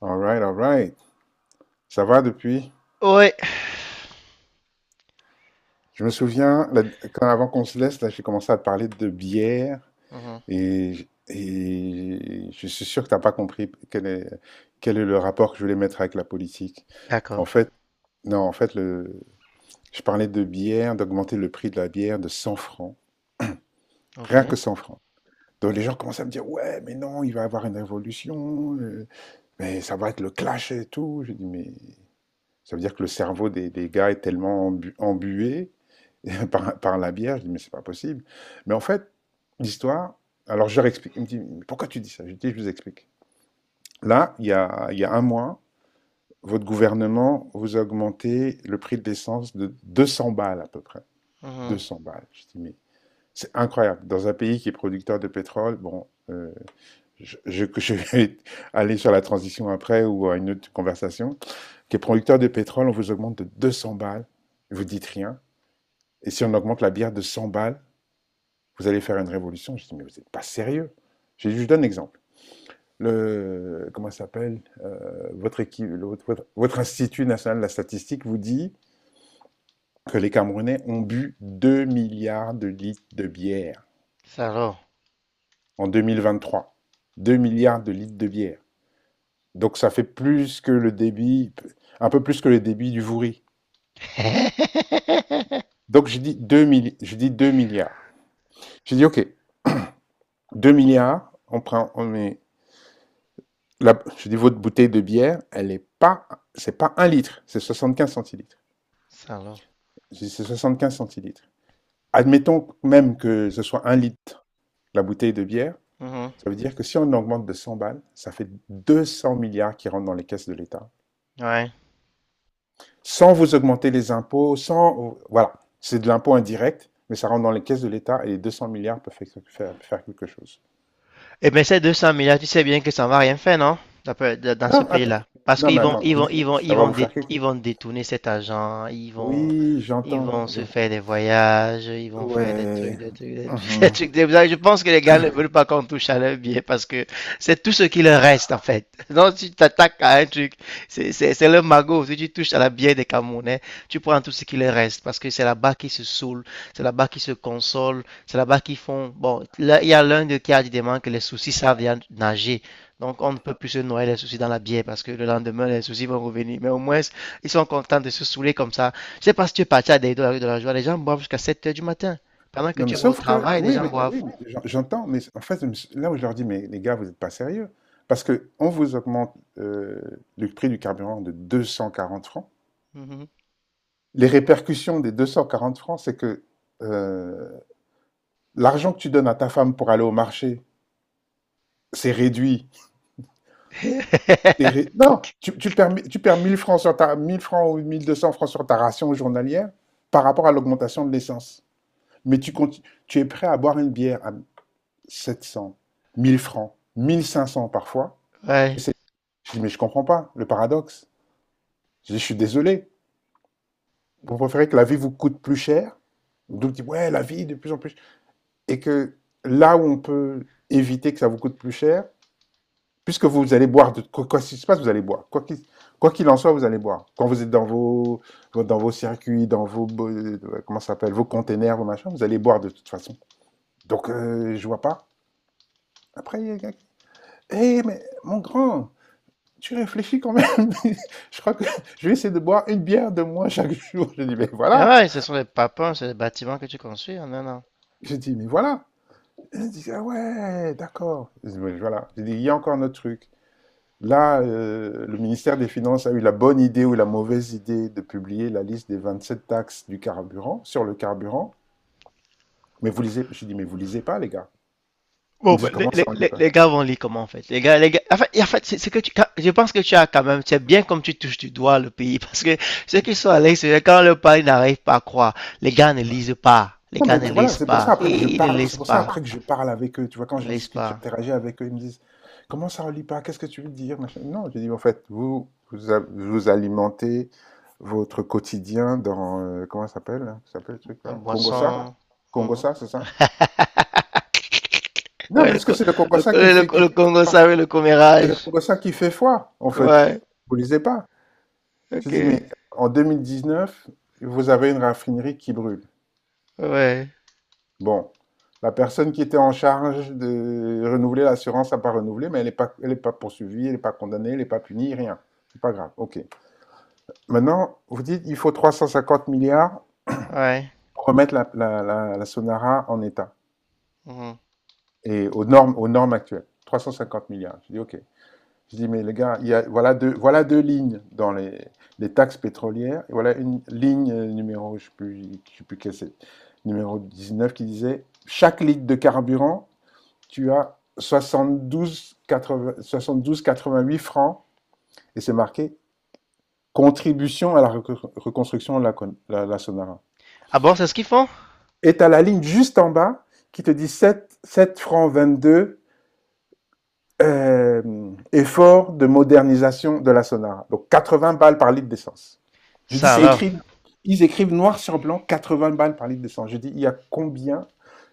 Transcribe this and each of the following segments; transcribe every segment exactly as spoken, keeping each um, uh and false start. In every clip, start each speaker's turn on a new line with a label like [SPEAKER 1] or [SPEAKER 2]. [SPEAKER 1] All right, all right. Ça va depuis?
[SPEAKER 2] Ouais.
[SPEAKER 1] Je me souviens, la- quand, avant qu'on se laisse, là, j'ai commencé à te parler de bière
[SPEAKER 2] Mhm.
[SPEAKER 1] et, j- et je suis sûr que t'as pas compris quel est, quel est le rapport que je voulais mettre avec la politique. En
[SPEAKER 2] D'accord.
[SPEAKER 1] fait, non, en fait, le, Je parlais de bière, d'augmenter le prix de la bière de cent francs,
[SPEAKER 2] Ok.
[SPEAKER 1] rien que cent francs. Donc les gens commencent à me dire, ouais, mais non, il va y avoir une révolution, euh, mais ça va être le clash et tout. Je dis, mais ça veut dire que le cerveau des, des gars est tellement embu- embué par, par la bière. Je dis, mais c'est pas possible. Mais en fait, l'histoire, alors je leur explique. Ils me disent, mais pourquoi tu dis ça? Je dis, je vous explique. Là, il y a, il y a un mois, votre gouvernement vous a augmenté le prix de l'essence de deux cents balles à peu près.
[SPEAKER 2] Mhm.
[SPEAKER 1] deux cents balles. Je dis, mais c'est incroyable. Dans un pays qui est producteur de pétrole, bon, euh, je, je- je vais aller sur la transition après ou à une autre conversation, qui est producteur de pétrole, on vous augmente de deux cents balles, vous dites rien. Et si on augmente la bière de cent balles, vous allez faire une révolution. Je dis, mais vous n'êtes pas sérieux. Je, je donne un exemple. Le, comment ça s'appelle euh, votre équipe, le- votre, votre Institut national de la statistique vous dit que les Camerounais ont bu deux milliards de litres de bière
[SPEAKER 2] Salaud.
[SPEAKER 1] en deux mille vingt-trois. Deux milliards de litres de bière. Donc ça fait plus que le débit, un peu plus que le débit du Vouri. Donc je dis deux milli- je dis deux milliards. Je dis, OK, deux milliards, on, prend, on met la- je dis votre bouteille de bière, elle n'est pas, c'est pas un litre, c'est soixante-quinze centilitres.
[SPEAKER 2] Salaud.
[SPEAKER 1] C'est soixante-quinze centilitres. Admettons même que ce soit un litre la bouteille de bière,
[SPEAKER 2] Mhm.
[SPEAKER 1] ça veut dire que si on augmente de cent balles, ça fait deux cents milliards qui rentrent dans les caisses de l'État,
[SPEAKER 2] Ouais.
[SPEAKER 1] sans vous augmenter les impôts, sans, voilà, c'est de l'impôt indirect, mais ça rentre dans les caisses de l'État et les deux cents milliards peuvent faire, faire- quelque chose.
[SPEAKER 2] Eh bien, ces deux cent mille là, tu sais bien que ça ne va rien faire, non? Ça peut- Dans dans ce
[SPEAKER 1] Non, att-
[SPEAKER 2] pays-là. Parce
[SPEAKER 1] non
[SPEAKER 2] qu'ils
[SPEAKER 1] mais
[SPEAKER 2] vont,
[SPEAKER 1] attends,
[SPEAKER 2] ils
[SPEAKER 1] je
[SPEAKER 2] vont,
[SPEAKER 1] dis,
[SPEAKER 2] ils vont, ils
[SPEAKER 1] ça va
[SPEAKER 2] vont,
[SPEAKER 1] vous
[SPEAKER 2] dé-
[SPEAKER 1] faire quelque
[SPEAKER 2] ils
[SPEAKER 1] chose.
[SPEAKER 2] vont détourner cet argent, ils vont,
[SPEAKER 1] Oui,
[SPEAKER 2] ils
[SPEAKER 1] j'entends.
[SPEAKER 2] vont se faire des voyages, ils vont faire des trucs, des trucs, des trucs, des trucs. Des trucs. Je pense que les gars ne veulent pas qu'on touche à leur bien parce que c'est tout ce qui leur reste, en fait. Donc, si tu t'attaques à un truc, c'est, c'est, c'est le magot. Si tu touches à la bière des Camerounais, tu prends tout ce qui leur reste parce que c'est là-bas qu'ils se saoulent, c'est là-bas qu'ils se consolent, c'est là-bas qu'ils font. Bon, là, il y a l'un d'eux qui a dit demain que les soucis savent bien nager. Donc, on ne peut plus se noyer les soucis dans la bière parce que le lendemain, les soucis vont revenir. Mais au moins, ils sont contents de se saouler comme ça. Je ne sais pas si tu es parti à des de la rue de la joie. Les gens boivent jusqu'à sept heures du matin. Pendant que
[SPEAKER 1] Non, mais
[SPEAKER 2] tu vas au
[SPEAKER 1] sauf que,
[SPEAKER 2] travail, les
[SPEAKER 1] oui,
[SPEAKER 2] gens
[SPEAKER 1] mais
[SPEAKER 2] boivent.
[SPEAKER 1] oui, mais j'en- j'entends, mais en fait, là où je leur dis, mais les gars, vous n'êtes pas sérieux, parce que on vous augmente euh, le prix du carburant de deux cent quarante francs.
[SPEAKER 2] Mhm.
[SPEAKER 1] Les répercussions des deux cent quarante francs, c'est que euh, l'argent que tu donnes à ta femme pour aller au marché, c'est réduit. C'est ré- Non, tu, tu perds, mi- tu perds mille francs sur ta mille francs ou mille deux cents francs sur ta ration journalière par rapport à l'augmentation de l'essence. Mais tu, conti- tu es prêt à boire une bière à sept cents, mille francs, mille cinq cents parfois,
[SPEAKER 2] Ouais.
[SPEAKER 1] c'est, je dis, mais je comprends pas le paradoxe. Je dis, je suis désolé. Vous préférez que la vie vous coûte plus cher. Donc, dit, ouais, la vie de plus en plus. Et que là où on peut éviter que ça vous coûte plus cher, puisque vous allez boire, de, quoi, quoi qu'il se passe, vous allez boire. Quoi qu'il quoi qu'il en soit, vous allez boire. Quand vous êtes dans vos, vos- dans vos circuits, dans vos, bo- euh, comment ça s'appelle, vos containers, vos machins, vous allez boire de toute façon. Donc, euh, je vois pas. Après, il y a- Eh, mais mon grand, tu réfléchis quand même. Je crois que je vais essayer de boire une bière de moins chaque jour. Je dis, mais
[SPEAKER 2] Ah
[SPEAKER 1] voilà.
[SPEAKER 2] ouais, ce sont des papins, c'est des bâtiments que tu construis? Non, non.
[SPEAKER 1] Je dis, mais voilà. Elle dit, ah ouais, d'accord. Je dis, mais voilà. Je dis, il y a encore notre truc. Là, euh, le ministère des Finances a eu la bonne idée ou la mauvaise idée de publier la liste des vingt-sept taxes du carburant, sur le carburant. Mais vous lisez, je dis, mais vous lisez pas, les gars. Ils
[SPEAKER 2] Bon,
[SPEAKER 1] me disent,
[SPEAKER 2] ben, les,
[SPEAKER 1] comment ça,
[SPEAKER 2] les-
[SPEAKER 1] on lit
[SPEAKER 2] les-
[SPEAKER 1] pas?
[SPEAKER 2] les- gars vont lire comment en fait. Les gars, les gars, en fait, en fait, c'est c'est que tu, je pense que tu as quand même, c'est bien comme tu touches du doigt le pays parce que ceux qui sont à l'extérieur, quand le pays n'arrive pas à croire, les gars ne lisent pas. Les
[SPEAKER 1] Non,
[SPEAKER 2] gars
[SPEAKER 1] mais
[SPEAKER 2] ne
[SPEAKER 1] c'est- voilà,
[SPEAKER 2] lisent
[SPEAKER 1] c'est pour ça
[SPEAKER 2] pas. Et
[SPEAKER 1] après que je
[SPEAKER 2] ils ne
[SPEAKER 1] parle, c'est
[SPEAKER 2] lisent
[SPEAKER 1] pour ça
[SPEAKER 2] pas.
[SPEAKER 1] après que je parle avec eux. Tu vois, quand
[SPEAKER 2] Ils ne
[SPEAKER 1] je
[SPEAKER 2] lisent
[SPEAKER 1] discute,
[SPEAKER 2] pas.
[SPEAKER 1] j'interagis avec eux, ils me disent, comment ça relie pas? Qu'est-ce que tu veux dire? Machin. Non, je dis, en fait, vous, vous, a- vous alimentez votre quotidien dans, euh, comment ça s'appelle? Là, ça s'appelle le truc
[SPEAKER 2] Un
[SPEAKER 1] là? Congossa?
[SPEAKER 2] boisson. Mhm.
[SPEAKER 1] Congossa, c'est ça? Non, mais
[SPEAKER 2] Ouais, le,
[SPEAKER 1] parce que
[SPEAKER 2] co-
[SPEAKER 1] c'est le
[SPEAKER 2] le,
[SPEAKER 1] Congossa
[SPEAKER 2] co-
[SPEAKER 1] qui
[SPEAKER 2] le,
[SPEAKER 1] fait,
[SPEAKER 2] co-
[SPEAKER 1] qui
[SPEAKER 2] le
[SPEAKER 1] fait
[SPEAKER 2] Congo,
[SPEAKER 1] foi.
[SPEAKER 2] ça oui, le
[SPEAKER 1] C'est le
[SPEAKER 2] commérage.
[SPEAKER 1] Congossa qui fait foi, en fait.
[SPEAKER 2] Ouais,
[SPEAKER 1] Vous lisez pas. Je
[SPEAKER 2] ok.
[SPEAKER 1] dis, mais en deux mille dix-neuf, vous avez une raffinerie qui brûle.
[SPEAKER 2] Ouais,
[SPEAKER 1] Bon, la personne qui était en charge de renouveler l'assurance n'a pas renouvelé, mais elle n'est pas, elle n'est pas poursuivie, elle n'est pas condamnée, elle n'est pas punie, rien. C'est pas grave. OK. Maintenant, vous dites il faut trois cent cinquante milliards
[SPEAKER 2] ouais.
[SPEAKER 1] pour remettre la, la, la, la Sonara en état
[SPEAKER 2] Mhm.
[SPEAKER 1] et aux normes, aux normes actuelles. Trois cent cinquante milliards. Je dis OK. Je dis mais les gars, il y a, voilà, deux, voilà deux lignes dans les, les taxes pétrolières. Et voilà une ligne euh, numéro, je ne sais plus, je sais plus quelle c'est, numéro dix-neuf qui disait chaque litre de carburant tu as soixante-douze, quatre quatre-vingt-huit francs et c'est marqué contribution à la reconstruction de la, la, la Sonara.
[SPEAKER 2] Ah bon, c'est ce qu'ils font?
[SPEAKER 1] Et tu as la ligne juste en bas qui te dit sept 7 francs vingt-deux euh, effort de modernisation de la Sonara. Donc quatre-vingts balles par litre d'essence. Je dis,
[SPEAKER 2] Ça
[SPEAKER 1] c'est
[SPEAKER 2] alors.
[SPEAKER 1] écrit, ils écrivent noir sur blanc quatre-vingts balles par litre d'essence. Je dis, il y a combien?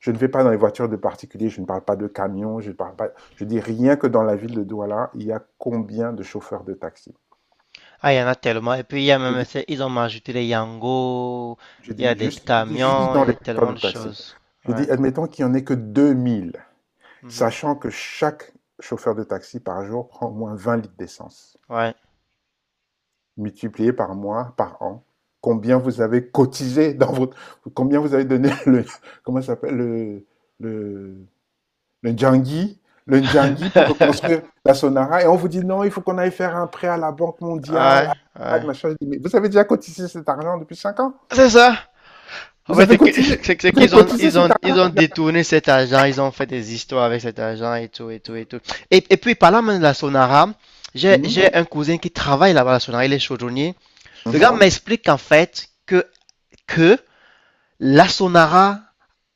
[SPEAKER 1] Je ne vais pas dans les voitures de particuliers, je ne parle pas de camions, je ne parle pas. Je dis, rien que dans la ville de Douala, il y a combien de chauffeurs de taxi?
[SPEAKER 2] Ah, il y en a tellement. Et puis, il y a
[SPEAKER 1] Je
[SPEAKER 2] même,
[SPEAKER 1] dis,
[SPEAKER 2] c'est- ils ont même ajouté les Yango,
[SPEAKER 1] je
[SPEAKER 2] il y a
[SPEAKER 1] dis,
[SPEAKER 2] des
[SPEAKER 1] juste, je dis juste
[SPEAKER 2] camions,
[SPEAKER 1] dans
[SPEAKER 2] il y
[SPEAKER 1] les
[SPEAKER 2] a
[SPEAKER 1] chauffeurs
[SPEAKER 2] tellement de
[SPEAKER 1] de taxi.
[SPEAKER 2] choses.
[SPEAKER 1] Je
[SPEAKER 2] Ouais.
[SPEAKER 1] dis, admettons qu'il n'y en ait que deux mille,
[SPEAKER 2] Mhm.
[SPEAKER 1] sachant que chaque chauffeur de taxi par jour prend au moins vingt litres d'essence.
[SPEAKER 2] Ouais.
[SPEAKER 1] Multiplié par mois, par an, combien vous avez cotisé dans votre, combien vous avez donné le, comment ça s'appelle, le, le, le Djangui, le Djangui pour reconstruire la Sonara. Et on vous dit non, il faut qu'on aille faire un prêt à la Banque mondiale,
[SPEAKER 2] Ouais,
[SPEAKER 1] à la
[SPEAKER 2] ouais.
[SPEAKER 1] machin. Je dis, mais vous avez déjà cotisé cet argent depuis cinq ans?
[SPEAKER 2] C'est ça. En
[SPEAKER 1] Vous
[SPEAKER 2] fait,
[SPEAKER 1] avez
[SPEAKER 2] c'est que-
[SPEAKER 1] cotisé,
[SPEAKER 2] c'est que- c'est
[SPEAKER 1] vous avez
[SPEAKER 2] qu'ils ont,
[SPEAKER 1] cotisé
[SPEAKER 2] ils
[SPEAKER 1] cet
[SPEAKER 2] ont,
[SPEAKER 1] argent,
[SPEAKER 2] ils ont
[SPEAKER 1] les gars.
[SPEAKER 2] détourné cet argent, ils ont fait des histoires avec cet argent et tout, et tout, et tout. Et, et puis, parlant même de la Sonara, j'ai,
[SPEAKER 1] Mhm,
[SPEAKER 2] j'ai un cousin qui travaille là-bas à la Sonara, il est chaudronnier. Le gars
[SPEAKER 1] mhm,
[SPEAKER 2] m'explique qu'en fait, que, que la Sonara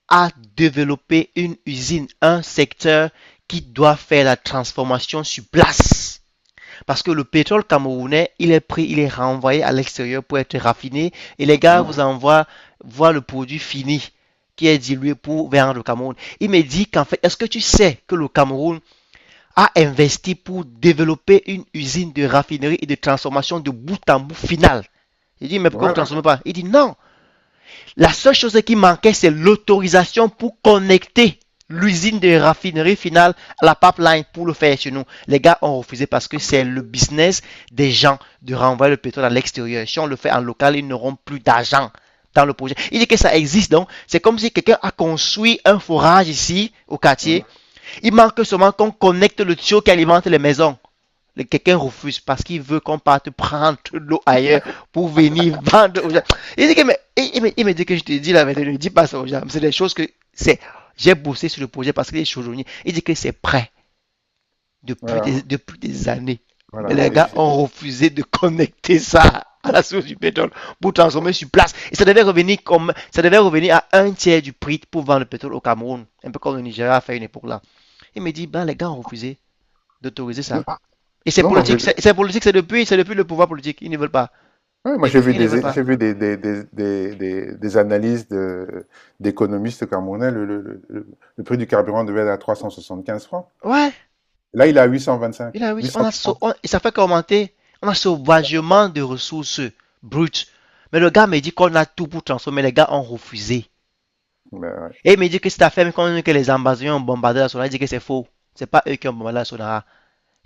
[SPEAKER 2] à développer une usine, un secteur qui doit faire la transformation sur place. Parce que le pétrole camerounais, il est pris, il est renvoyé à l'extérieur pour être raffiné. Et les gars
[SPEAKER 1] mhm.
[SPEAKER 2] vous envoient voir le produit fini qui est dilué pour vendre le Cameroun. Il me dit qu'en fait, est-ce que tu sais que le Cameroun a investi pour développer une usine de raffinerie et de transformation de bout en bout final? Il dit, mais pourquoi vous ne
[SPEAKER 1] Voilà,
[SPEAKER 2] transformez pas? Il dit, non, la seule chose qui manquait, c'est l'autorisation pour connecter l'usine de raffinerie finale à la pipeline pour le faire chez nous. Les gars ont refusé parce que c'est le business des gens de renvoyer le pétrole à l'extérieur. Si on le fait en local, ils n'auront plus d'argent dans le projet. Il dit que ça existe donc. C'est comme si quelqu'un a construit un forage ici au
[SPEAKER 1] mhm,
[SPEAKER 2] quartier. Il manque seulement qu'on connecte le tuyau qui alimente les maisons. Quelqu'un refuse parce qu'il veut qu'on parte prendre l'eau ailleurs pour venir vendre aux gens. Il dit que, mais, il me, il me dit que je te dis la vérité, ne dis pas ça aux gens. C'est des choses que c'est. J'ai bossé sur le projet parce qu'il est chaudronnier. Il dit que c'est prêt depuis
[SPEAKER 1] voilà,
[SPEAKER 2] des, depuis des années. Mais
[SPEAKER 1] voilà.
[SPEAKER 2] les
[SPEAKER 1] Et
[SPEAKER 2] gars
[SPEAKER 1] je
[SPEAKER 2] ont refusé de connecter ça à la source du pétrole pour transformer sur place. Et ça devait revenir comme, ça devait revenir à un tiers du prix pour vendre le pétrole au Cameroun. Un peu comme le Nigeria a fait une époque là. Il me dit, ben, les gars ont refusé d'autoriser ça. Et c'est
[SPEAKER 1] non, moi, j'ai,
[SPEAKER 2] politique, c'est politique, c'est depuis, c'est depuis le pouvoir politique. Ils ne veulent pas.
[SPEAKER 1] ouais, moi
[SPEAKER 2] Ils,
[SPEAKER 1] j'ai vu
[SPEAKER 2] ils ne veulent
[SPEAKER 1] des
[SPEAKER 2] pas.
[SPEAKER 1] j'ai vu des, des, des, des, des- des analyses de, d'économistes camerounais, le, le, le, le le prix du carburant devait être à trois cent soixante-quinze francs.
[SPEAKER 2] Ouais,
[SPEAKER 1] Là, il est à huit cent vingt-cinq,
[SPEAKER 2] il a, oui, on a sau-
[SPEAKER 1] huit cent quarante.
[SPEAKER 2] on- et ça fait qu'augmenter. On a sauvagement de ressources brutes. Mais le gars me dit qu'on a tout pour transformer. Les gars ont refusé.
[SPEAKER 1] Ben ouais.
[SPEAKER 2] Et il me dit que cette affaire, quand on dit que les ambassadeurs ont bombardé la Sonara, il dit que c'est faux. C'est pas eux qui ont bombardé la Sonara.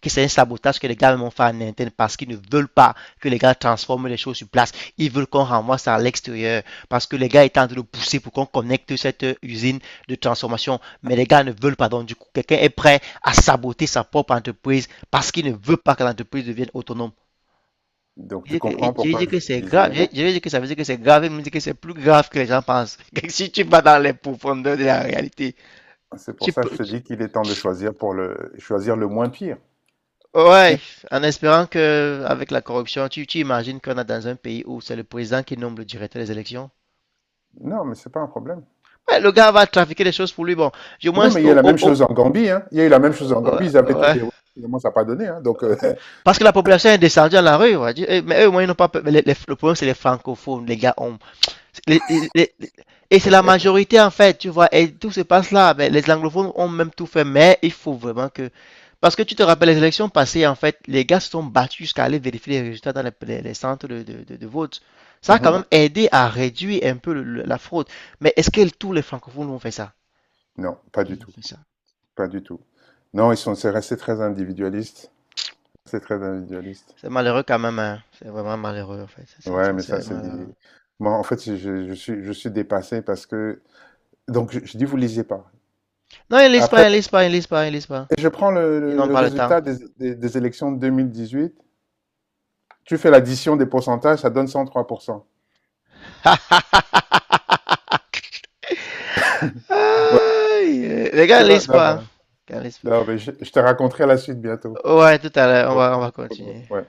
[SPEAKER 2] Que c'est un sabotage que les gars m'ont fait en interne parce qu'ils ne veulent pas que les gars transforment les choses sur place. Ils veulent qu'on renvoie ça à l'extérieur parce que les gars étaient en train de pousser pour qu'on connecte cette usine de transformation. Mais les gars ne veulent pas. Donc, du coup, quelqu'un est prêt à saboter sa propre entreprise parce qu'il ne veut pas que l'entreprise devienne autonome.
[SPEAKER 1] Donc tu
[SPEAKER 2] Je
[SPEAKER 1] comprends pourquoi
[SPEAKER 2] dis que,
[SPEAKER 1] je
[SPEAKER 2] que
[SPEAKER 1] te
[SPEAKER 2] c'est grave. Je,
[SPEAKER 1] disais,
[SPEAKER 2] je dis que ça veut dire que c'est grave. Il me dit que c'est plus grave que les gens pensent. Si tu vas dans les profondeurs de la réalité,
[SPEAKER 1] c'est pour
[SPEAKER 2] tu
[SPEAKER 1] ça que
[SPEAKER 2] peux.
[SPEAKER 1] je te dis qu'il est temps de choisir pour le choisir le moins pire.
[SPEAKER 2] Ouais, en espérant que, avec la corruption, tu, tu imagines qu'on est dans un pays où c'est le président qui nomme le directeur des élections.
[SPEAKER 1] Non, mais c'est pas un problème.
[SPEAKER 2] Ouais, le gars va trafiquer des choses pour lui. Bon, du moins,
[SPEAKER 1] Non, mais il y a eu
[SPEAKER 2] oh,
[SPEAKER 1] la
[SPEAKER 2] oh,
[SPEAKER 1] même
[SPEAKER 2] oh,
[SPEAKER 1] chose en Gambie, hein. Il y a eu la même chose en
[SPEAKER 2] euh,
[SPEAKER 1] Gambie, ils avaient tout
[SPEAKER 2] ouais.
[SPEAKER 1] verrouillé, finalement ça n'a pas donné, hein. Donc euh,
[SPEAKER 2] Parce que la population est descendue à la rue. On va, eh, mais eux, au moins, ils n'ont pas peur. Mais les- les- le problème, c'est les francophones. Les gars ont les- les- les- et c'est la majorité en fait, tu vois, et tout se passe là. Mais les anglophones ont même tout fait, mais il faut vraiment que. Parce que tu te rappelles, les élections passées, en fait, les gars se sont battus jusqu'à aller vérifier les résultats dans les, les- les centres de, de- de- de vote. Ça a quand
[SPEAKER 1] mhm.
[SPEAKER 2] Ouais. même aidé à réduire un peu le- le- la fraude. Mais est-ce que tous les francophones ont fait ça?
[SPEAKER 1] Non,
[SPEAKER 2] Est-ce
[SPEAKER 1] pas du
[SPEAKER 2] qu'ils ont
[SPEAKER 1] tout,
[SPEAKER 2] fait ça?
[SPEAKER 1] pas du tout. Non, ils sont c'est resté très individualiste, c'est très individualiste.
[SPEAKER 2] C'est malheureux quand même, hein. C'est vraiment malheureux, en fait. C'est
[SPEAKER 1] Ouais,
[SPEAKER 2] c'est-
[SPEAKER 1] mais ça,
[SPEAKER 2] c'est
[SPEAKER 1] c'est
[SPEAKER 2] malheureux.
[SPEAKER 1] des... Moi, en fait, je, je suis, je suis dépassé parce que... Donc, je, je dis, vous lisez pas.
[SPEAKER 2] Non, ils lisent
[SPEAKER 1] Après,
[SPEAKER 2] pas, ils lisent pas, ils lisent pas, ils lisent pas.
[SPEAKER 1] je prends le,
[SPEAKER 2] Ils
[SPEAKER 1] le-
[SPEAKER 2] n'ont
[SPEAKER 1] le
[SPEAKER 2] pas le temps.
[SPEAKER 1] résultat des, des- des élections de huit. Tu fais l'addition des pourcentages, ça donne cent trois pour cent. Ouais,
[SPEAKER 2] Aïe! Les gars,
[SPEAKER 1] tu vois?
[SPEAKER 2] lise
[SPEAKER 1] Non,
[SPEAKER 2] pas.
[SPEAKER 1] voilà.
[SPEAKER 2] Les gars, lise pas.
[SPEAKER 1] Non, mais je, je te raconterai la suite bientôt.
[SPEAKER 2] Ouais, tout à l'heure, on
[SPEAKER 1] Ouais,
[SPEAKER 2] va, on va
[SPEAKER 1] ouais,
[SPEAKER 2] continuer.
[SPEAKER 1] ouais.